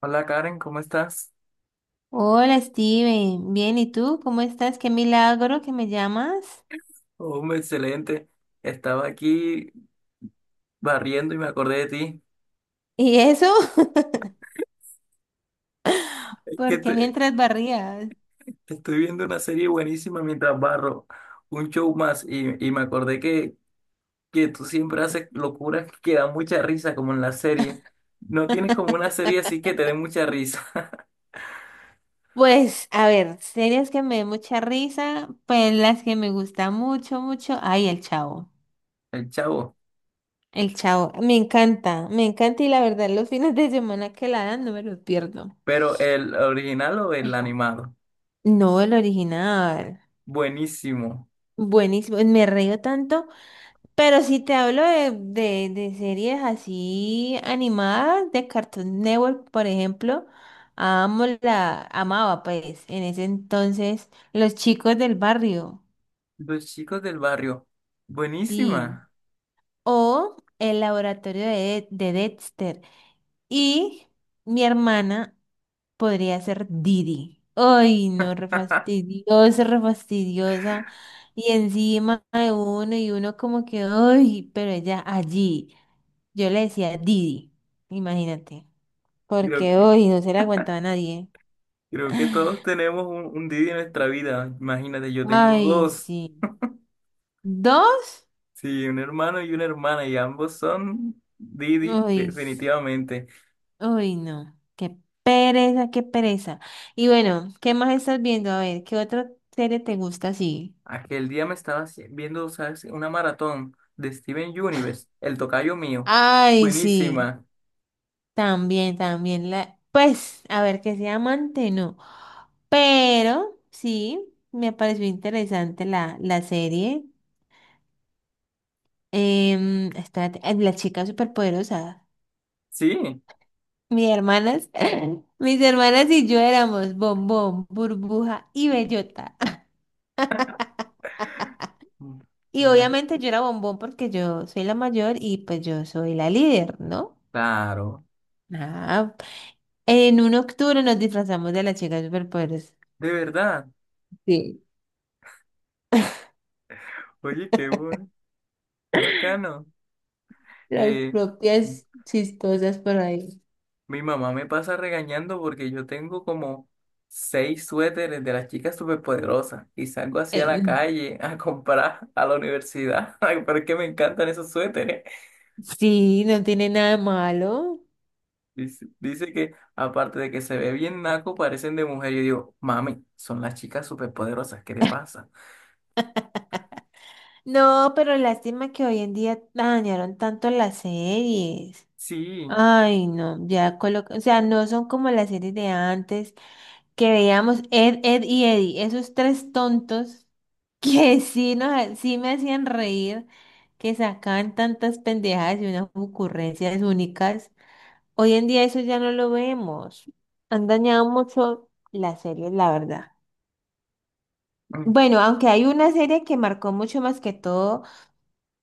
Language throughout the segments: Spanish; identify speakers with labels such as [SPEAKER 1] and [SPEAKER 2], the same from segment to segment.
[SPEAKER 1] Hola Karen, ¿cómo estás?
[SPEAKER 2] Hola Steven, bien, ¿y tú? ¿Cómo estás? Qué milagro que me llamas.
[SPEAKER 1] Hombre, excelente. Estaba aquí barriendo y me acordé de ti.
[SPEAKER 2] ¿Y eso?
[SPEAKER 1] Es que
[SPEAKER 2] ¿Porque
[SPEAKER 1] te,
[SPEAKER 2] mientras barrías?
[SPEAKER 1] te estoy viendo una serie buenísima mientras barro, un show más, y me acordé que tú siempre haces locuras que dan mucha risa, como en la serie. No tienes como una serie así que te dé mucha risa.
[SPEAKER 2] Pues, a ver, series que me dan mucha risa, pues las que me gusta mucho, mucho. Ay, El Chavo.
[SPEAKER 1] El Chavo,
[SPEAKER 2] El Chavo, me encanta y la verdad los fines de semana que la dan no me los pierdo.
[SPEAKER 1] pero ¿el original o el animado?
[SPEAKER 2] No, el original.
[SPEAKER 1] Buenísimo.
[SPEAKER 2] Buenísimo, me río tanto. Pero si te hablo de series así animadas, de Cartoon Network, por ejemplo, amo la, amaba pues en ese entonces Los Chicos del Barrio,
[SPEAKER 1] Los Chicos del Barrio,
[SPEAKER 2] sí,
[SPEAKER 1] buenísima.
[SPEAKER 2] o El Laboratorio de Dexter y mi hermana podría ser Didi. Ay, no, re fastidiosa, re fastidiosa. Y encima de uno y uno como que, ay, pero ella allí. Yo le decía Didi, imagínate, porque hoy no se le aguantaba a nadie.
[SPEAKER 1] Creo que todos tenemos un Didi en nuestra vida. Imagínate, yo tengo
[SPEAKER 2] Ay,
[SPEAKER 1] dos.
[SPEAKER 2] sí. ¿Dos?
[SPEAKER 1] Sí, un hermano y una hermana, y ambos son Didi,
[SPEAKER 2] Uy,
[SPEAKER 1] definitivamente.
[SPEAKER 2] uy, no. Qué pereza, qué pereza. Y bueno, ¿qué más estás viendo? A ver, ¿qué otra serie te gusta así?
[SPEAKER 1] Aquel día me estaba viendo, ¿sabes? Una maratón de Steven Universe, el tocayo mío.
[SPEAKER 2] Ay, sí.
[SPEAKER 1] Buenísima.
[SPEAKER 2] También, también la. Pues, a ver, que sea amante, no. Pero sí, me pareció interesante la serie. Espérate, la chica superpoderosa.
[SPEAKER 1] Sí.
[SPEAKER 2] Mis hermanas, mis hermanas y yo éramos bombón, burbuja y bellota.
[SPEAKER 1] Mm,
[SPEAKER 2] Y
[SPEAKER 1] ay,
[SPEAKER 2] obviamente yo era bombón porque yo soy la mayor y pues yo soy la líder, ¿no?
[SPEAKER 1] claro.
[SPEAKER 2] Ah, en un octubre nos disfrazamos de las chicas superpoderosas.
[SPEAKER 1] De verdad.
[SPEAKER 2] Sí,
[SPEAKER 1] Oye, qué bueno, qué bacano.
[SPEAKER 2] las
[SPEAKER 1] Eh,
[SPEAKER 2] propias chistosas por ahí.
[SPEAKER 1] Mi mamá me pasa regañando porque yo tengo como seis suéteres de las chicas superpoderosas y salgo así a la
[SPEAKER 2] Eh,
[SPEAKER 1] calle a comprar a la universidad. Ay, pero es que me encantan esos suéteres.
[SPEAKER 2] sí, no tiene nada de malo.
[SPEAKER 1] Dice que aparte de que se ve bien naco, parecen de mujer. Yo digo, mami, son las chicas superpoderosas, ¿qué le pasa?
[SPEAKER 2] No, pero lástima que hoy en día dañaron tanto las series.
[SPEAKER 1] Sí.
[SPEAKER 2] Ay, no, ya coloca, o sea, no son como las series de antes que veíamos Ed y Eddie, esos tres tontos que sí, sí me hacían reír, que sacaban tantas pendejadas y unas ocurrencias únicas. Hoy en día eso ya no lo vemos. Han dañado mucho las series, la verdad.
[SPEAKER 1] Mm,
[SPEAKER 2] Bueno, aunque hay una serie que marcó mucho más que todo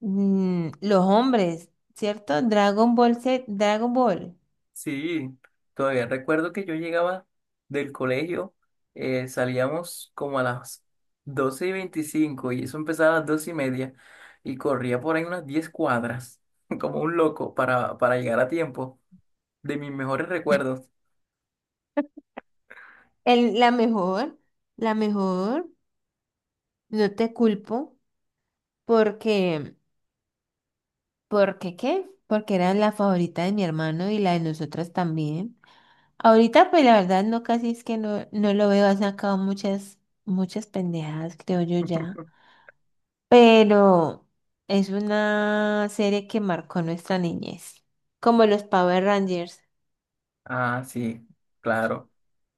[SPEAKER 2] los hombres, ¿cierto? Dragon Ball Z, Dragon Ball.
[SPEAKER 1] sí, todavía recuerdo que yo llegaba del colegio. Salíamos como a las 12:25 y eso empezaba a las 12 y media y corría por ahí unas 10 cuadras como un loco para llegar a tiempo. De mis mejores recuerdos.
[SPEAKER 2] El- la mejor, la mejor, no te culpo porque, porque qué, porque era la favorita de mi hermano y la de nosotras también. Ahorita pues la verdad no casi es que no lo veo, ha sacado muchas, muchas pendejadas creo yo ya, pero es una serie que marcó nuestra niñez, como los Power Rangers.
[SPEAKER 1] Ah, sí, claro.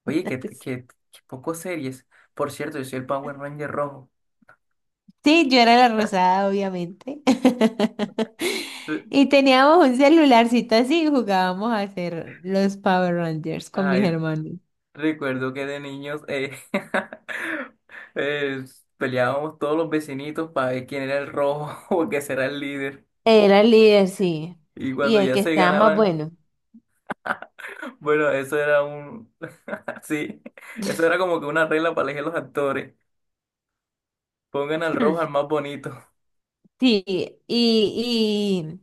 [SPEAKER 1] Oye, que, que, que poco series. Por cierto, yo soy el Power Ranger rojo.
[SPEAKER 2] Sí, yo era la rosada, obviamente. Y teníamos un celularcito así y jugábamos a hacer los Power Rangers con mis
[SPEAKER 1] Ay,
[SPEAKER 2] hermanos.
[SPEAKER 1] recuerdo que de niños eh, peleábamos todos los vecinitos para ver quién era el rojo, o quién será el líder.
[SPEAKER 2] Era el líder, sí.
[SPEAKER 1] Y
[SPEAKER 2] Y
[SPEAKER 1] cuando
[SPEAKER 2] el
[SPEAKER 1] ya
[SPEAKER 2] que
[SPEAKER 1] se
[SPEAKER 2] estaba más
[SPEAKER 1] ganaban,
[SPEAKER 2] bueno.
[SPEAKER 1] bueno, Sí, eso era como que una regla para elegir los actores. Pongan al rojo al más bonito.
[SPEAKER 2] Sí, y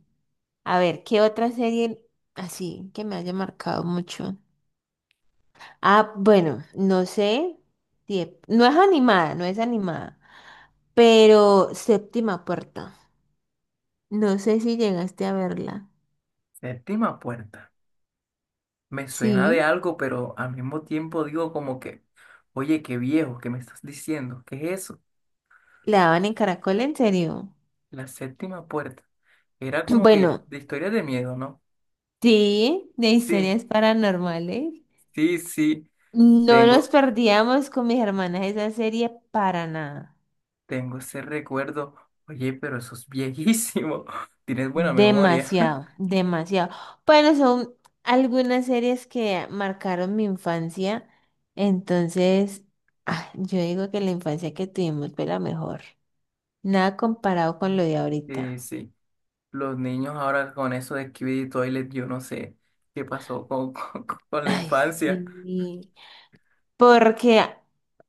[SPEAKER 2] a ver, ¿qué otra serie así que me haya marcado mucho? Ah, bueno, no sé. No es animada, no es animada. Pero Séptima Puerta. No sé si llegaste a verla.
[SPEAKER 1] Séptima Puerta. Me suena de
[SPEAKER 2] Sí,
[SPEAKER 1] algo, pero al mismo tiempo digo como que, oye, qué viejo, ¿qué me estás diciendo? ¿Qué es eso?
[SPEAKER 2] la daban en Caracol, en serio.
[SPEAKER 1] La Séptima Puerta. Era como que
[SPEAKER 2] Bueno,
[SPEAKER 1] de historias de miedo, ¿no?
[SPEAKER 2] sí, de
[SPEAKER 1] Sí,
[SPEAKER 2] historias paranormales.
[SPEAKER 1] sí, sí.
[SPEAKER 2] No nos
[SPEAKER 1] Tengo,
[SPEAKER 2] perdíamos con mis hermanas esa serie para nada.
[SPEAKER 1] tengo ese recuerdo. Oye, pero eso es viejísimo. Tienes buena memoria.
[SPEAKER 2] Demasiado, demasiado. Bueno, son algunas series que marcaron mi infancia. Entonces, ah, yo digo que la infancia que tuvimos fue la mejor. Nada comparado con lo de
[SPEAKER 1] Eh,
[SPEAKER 2] ahorita.
[SPEAKER 1] sí, los niños ahora con eso de Skibidi Toilet, yo no sé qué pasó con, con la
[SPEAKER 2] Ay,
[SPEAKER 1] infancia.
[SPEAKER 2] sí. Porque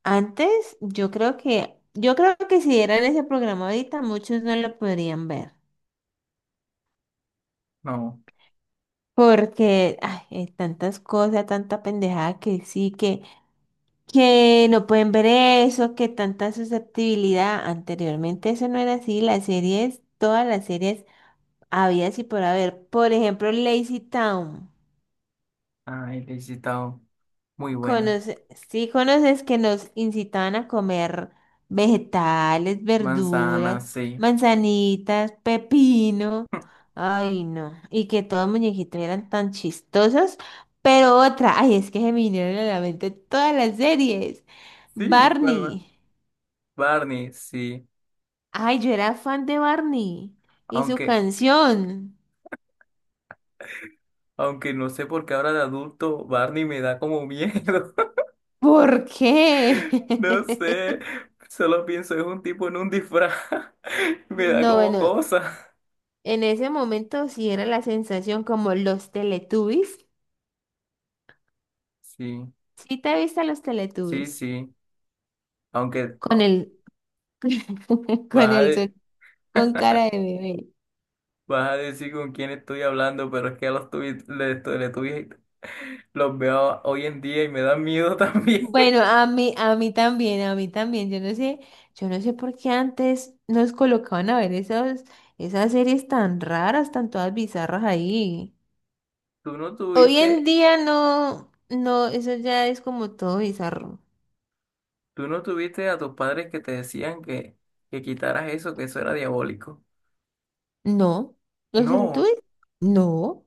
[SPEAKER 2] antes yo creo que si dieran ese programa ahorita, muchos no lo podrían ver.
[SPEAKER 1] No,
[SPEAKER 2] Porque ay, hay tantas cosas, tanta pendejada que sí, que no pueden ver eso, que tanta susceptibilidad. Anteriormente eso no era así, las series, todas las series había y por haber. Por ejemplo, Lazy Town.
[SPEAKER 1] ay, le he citado muy buena.
[SPEAKER 2] Conoce, sí conoces que nos incitaban a comer vegetales,
[SPEAKER 1] Manzana,
[SPEAKER 2] verduras,
[SPEAKER 1] sí.
[SPEAKER 2] manzanitas, pepino. Ay, no. Y que todos los muñequitos eran tan chistosos. Pero otra, ay, es que se me vinieron a la mente todas las series.
[SPEAKER 1] Sí, ¿cuál más?
[SPEAKER 2] Barney.
[SPEAKER 1] Barney, sí.
[SPEAKER 2] Ay, yo era fan de Barney y su
[SPEAKER 1] Aunque,
[SPEAKER 2] canción.
[SPEAKER 1] aunque no sé por qué ahora de adulto Barney me da como miedo.
[SPEAKER 2] ¿Por qué?
[SPEAKER 1] No sé, solo pienso es un tipo en un disfraz. Me da
[SPEAKER 2] No,
[SPEAKER 1] como
[SPEAKER 2] bueno,
[SPEAKER 1] cosa.
[SPEAKER 2] en ese momento sí era la sensación como los Teletubbies.
[SPEAKER 1] Sí,
[SPEAKER 2] ¿Sí te viste a los
[SPEAKER 1] sí,
[SPEAKER 2] Teletubbies
[SPEAKER 1] sí. Aunque
[SPEAKER 2] con el con
[SPEAKER 1] vas a,
[SPEAKER 2] el
[SPEAKER 1] de-
[SPEAKER 2] sol- con cara de bebé?
[SPEAKER 1] vas a decir con quién estoy hablando, pero es que a los tuyos le, estoy- le tuve- los veo hoy en día y me da miedo también.
[SPEAKER 2] Bueno, a mí también, a mí también. Yo no sé por qué antes nos colocaban a ver esos esas series tan raras, tan todas bizarras ahí.
[SPEAKER 1] Tú no
[SPEAKER 2] Hoy en
[SPEAKER 1] tuviste,
[SPEAKER 2] día no eso ya es como todo bizarro.
[SPEAKER 1] tú no tuviste a tus padres que te decían que quitaras eso, que eso era diabólico.
[SPEAKER 2] No, los
[SPEAKER 1] No,
[SPEAKER 2] Teletubbies no.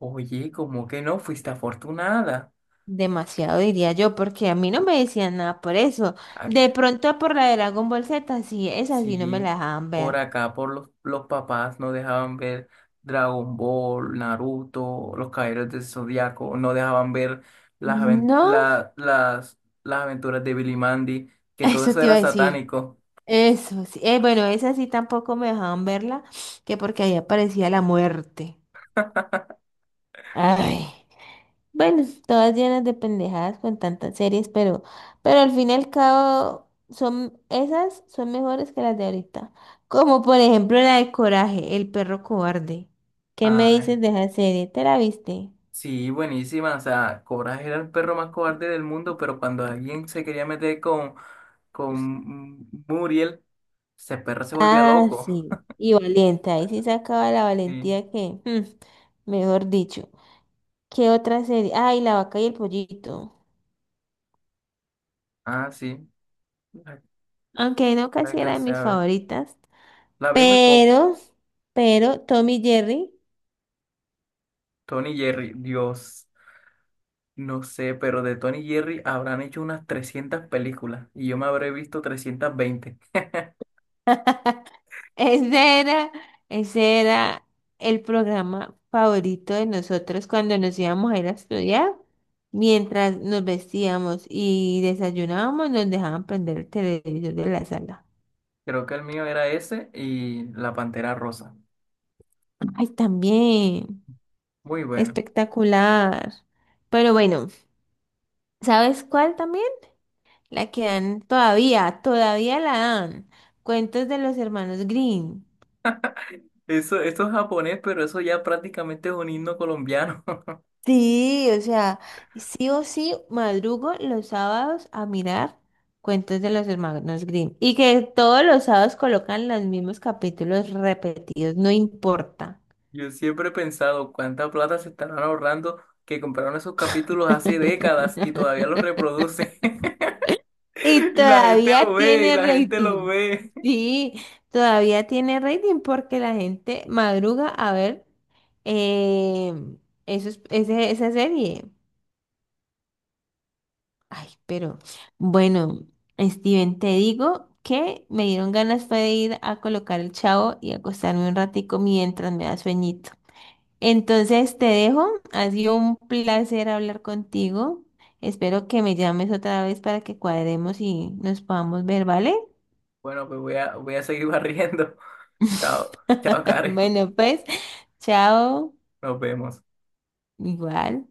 [SPEAKER 1] oye, ¿como que no? Fuiste afortunada.
[SPEAKER 2] Demasiado diría yo, porque a mí no me decían nada por eso.
[SPEAKER 1] Ah,
[SPEAKER 2] De pronto por la de Dragon Ball Z, sí, esa sí no me la
[SPEAKER 1] sí,
[SPEAKER 2] dejaban ver.
[SPEAKER 1] por acá, por los papás no dejaban ver Dragon Ball, Naruto, los Caballeros del Zodiaco, no dejaban ver las, aven-
[SPEAKER 2] No,
[SPEAKER 1] la- las, las aventuras de Billy Mandy, que todo
[SPEAKER 2] eso
[SPEAKER 1] eso
[SPEAKER 2] te iba
[SPEAKER 1] era
[SPEAKER 2] a decir.
[SPEAKER 1] satánico.
[SPEAKER 2] Eso sí. Bueno, esa sí tampoco me dejaban verla, que porque ahí aparecía la muerte. Ay. Bueno, todas llenas de pendejadas con tantas series, pero al fin y al cabo son esas son mejores que las de ahorita. Como por ejemplo la de Coraje, el perro cobarde. ¿Qué me
[SPEAKER 1] Ay,
[SPEAKER 2] dices de esa serie? ¿Te la viste?
[SPEAKER 1] sí, buenísima. O sea, Coraje era el perro más cobarde del mundo, pero cuando alguien se quería meter con Muriel, ese perro se volvía
[SPEAKER 2] Ah,
[SPEAKER 1] loco.
[SPEAKER 2] sí. Y valiente, ahí sí sacaba la
[SPEAKER 1] Sí.
[SPEAKER 2] valentía que, mm, mejor dicho. ¿Qué otra serie? Ay, La vaca y el pollito.
[SPEAKER 1] Ah, sí, la,
[SPEAKER 2] Aunque no
[SPEAKER 1] la
[SPEAKER 2] casi era de
[SPEAKER 1] alcancé
[SPEAKER 2] mis
[SPEAKER 1] a ver.
[SPEAKER 2] favoritas.
[SPEAKER 1] La vi muy poco.
[SPEAKER 2] Pero, pero Tommy Jerry.
[SPEAKER 1] Tony Jerry, Dios, no sé, pero de Tony Jerry habrán hecho unas 300 películas y yo me habré visto 320.
[SPEAKER 2] Ese era, ese era el programa favorito de nosotros cuando nos íbamos a ir a estudiar. Mientras nos vestíamos y desayunábamos, nos dejaban prender el televisor de la sala.
[SPEAKER 1] Creo que el mío era ese y La Pantera Rosa.
[SPEAKER 2] Ay, también.
[SPEAKER 1] Muy bueno.
[SPEAKER 2] Espectacular. Pero bueno, ¿sabes cuál también? La que dan todavía, todavía la dan. Cuentos de los hermanos Green.
[SPEAKER 1] Eso, esto es japonés, pero eso ya prácticamente es un himno colombiano.
[SPEAKER 2] Sí, o sea, sí o sí madrugo los sábados a mirar cuentos de los hermanos Grimm y que todos los sábados colocan los mismos capítulos repetidos, no importa.
[SPEAKER 1] Yo siempre he pensado cuánta plata se estarán ahorrando que compraron esos capítulos hace décadas y todavía los reproducen.
[SPEAKER 2] Y
[SPEAKER 1] Y la gente lo
[SPEAKER 2] todavía
[SPEAKER 1] ve, y
[SPEAKER 2] tiene
[SPEAKER 1] la gente lo
[SPEAKER 2] rating.
[SPEAKER 1] ve.
[SPEAKER 2] Sí, todavía tiene rating porque la gente madruga a ver eh, esa serie. Ay, pero bueno, Steven, te digo que me dieron ganas fue de ir a colocar el chavo y acostarme un ratico mientras me da sueñito. Entonces te dejo, ha sido un placer hablar contigo. Espero que me llames otra vez para que cuadremos y nos podamos ver, ¿vale?
[SPEAKER 1] Bueno, pues voy a seguir barriendo. Chao, chao, Karen.
[SPEAKER 2] Bueno, pues, chao,
[SPEAKER 1] Nos vemos.
[SPEAKER 2] igual.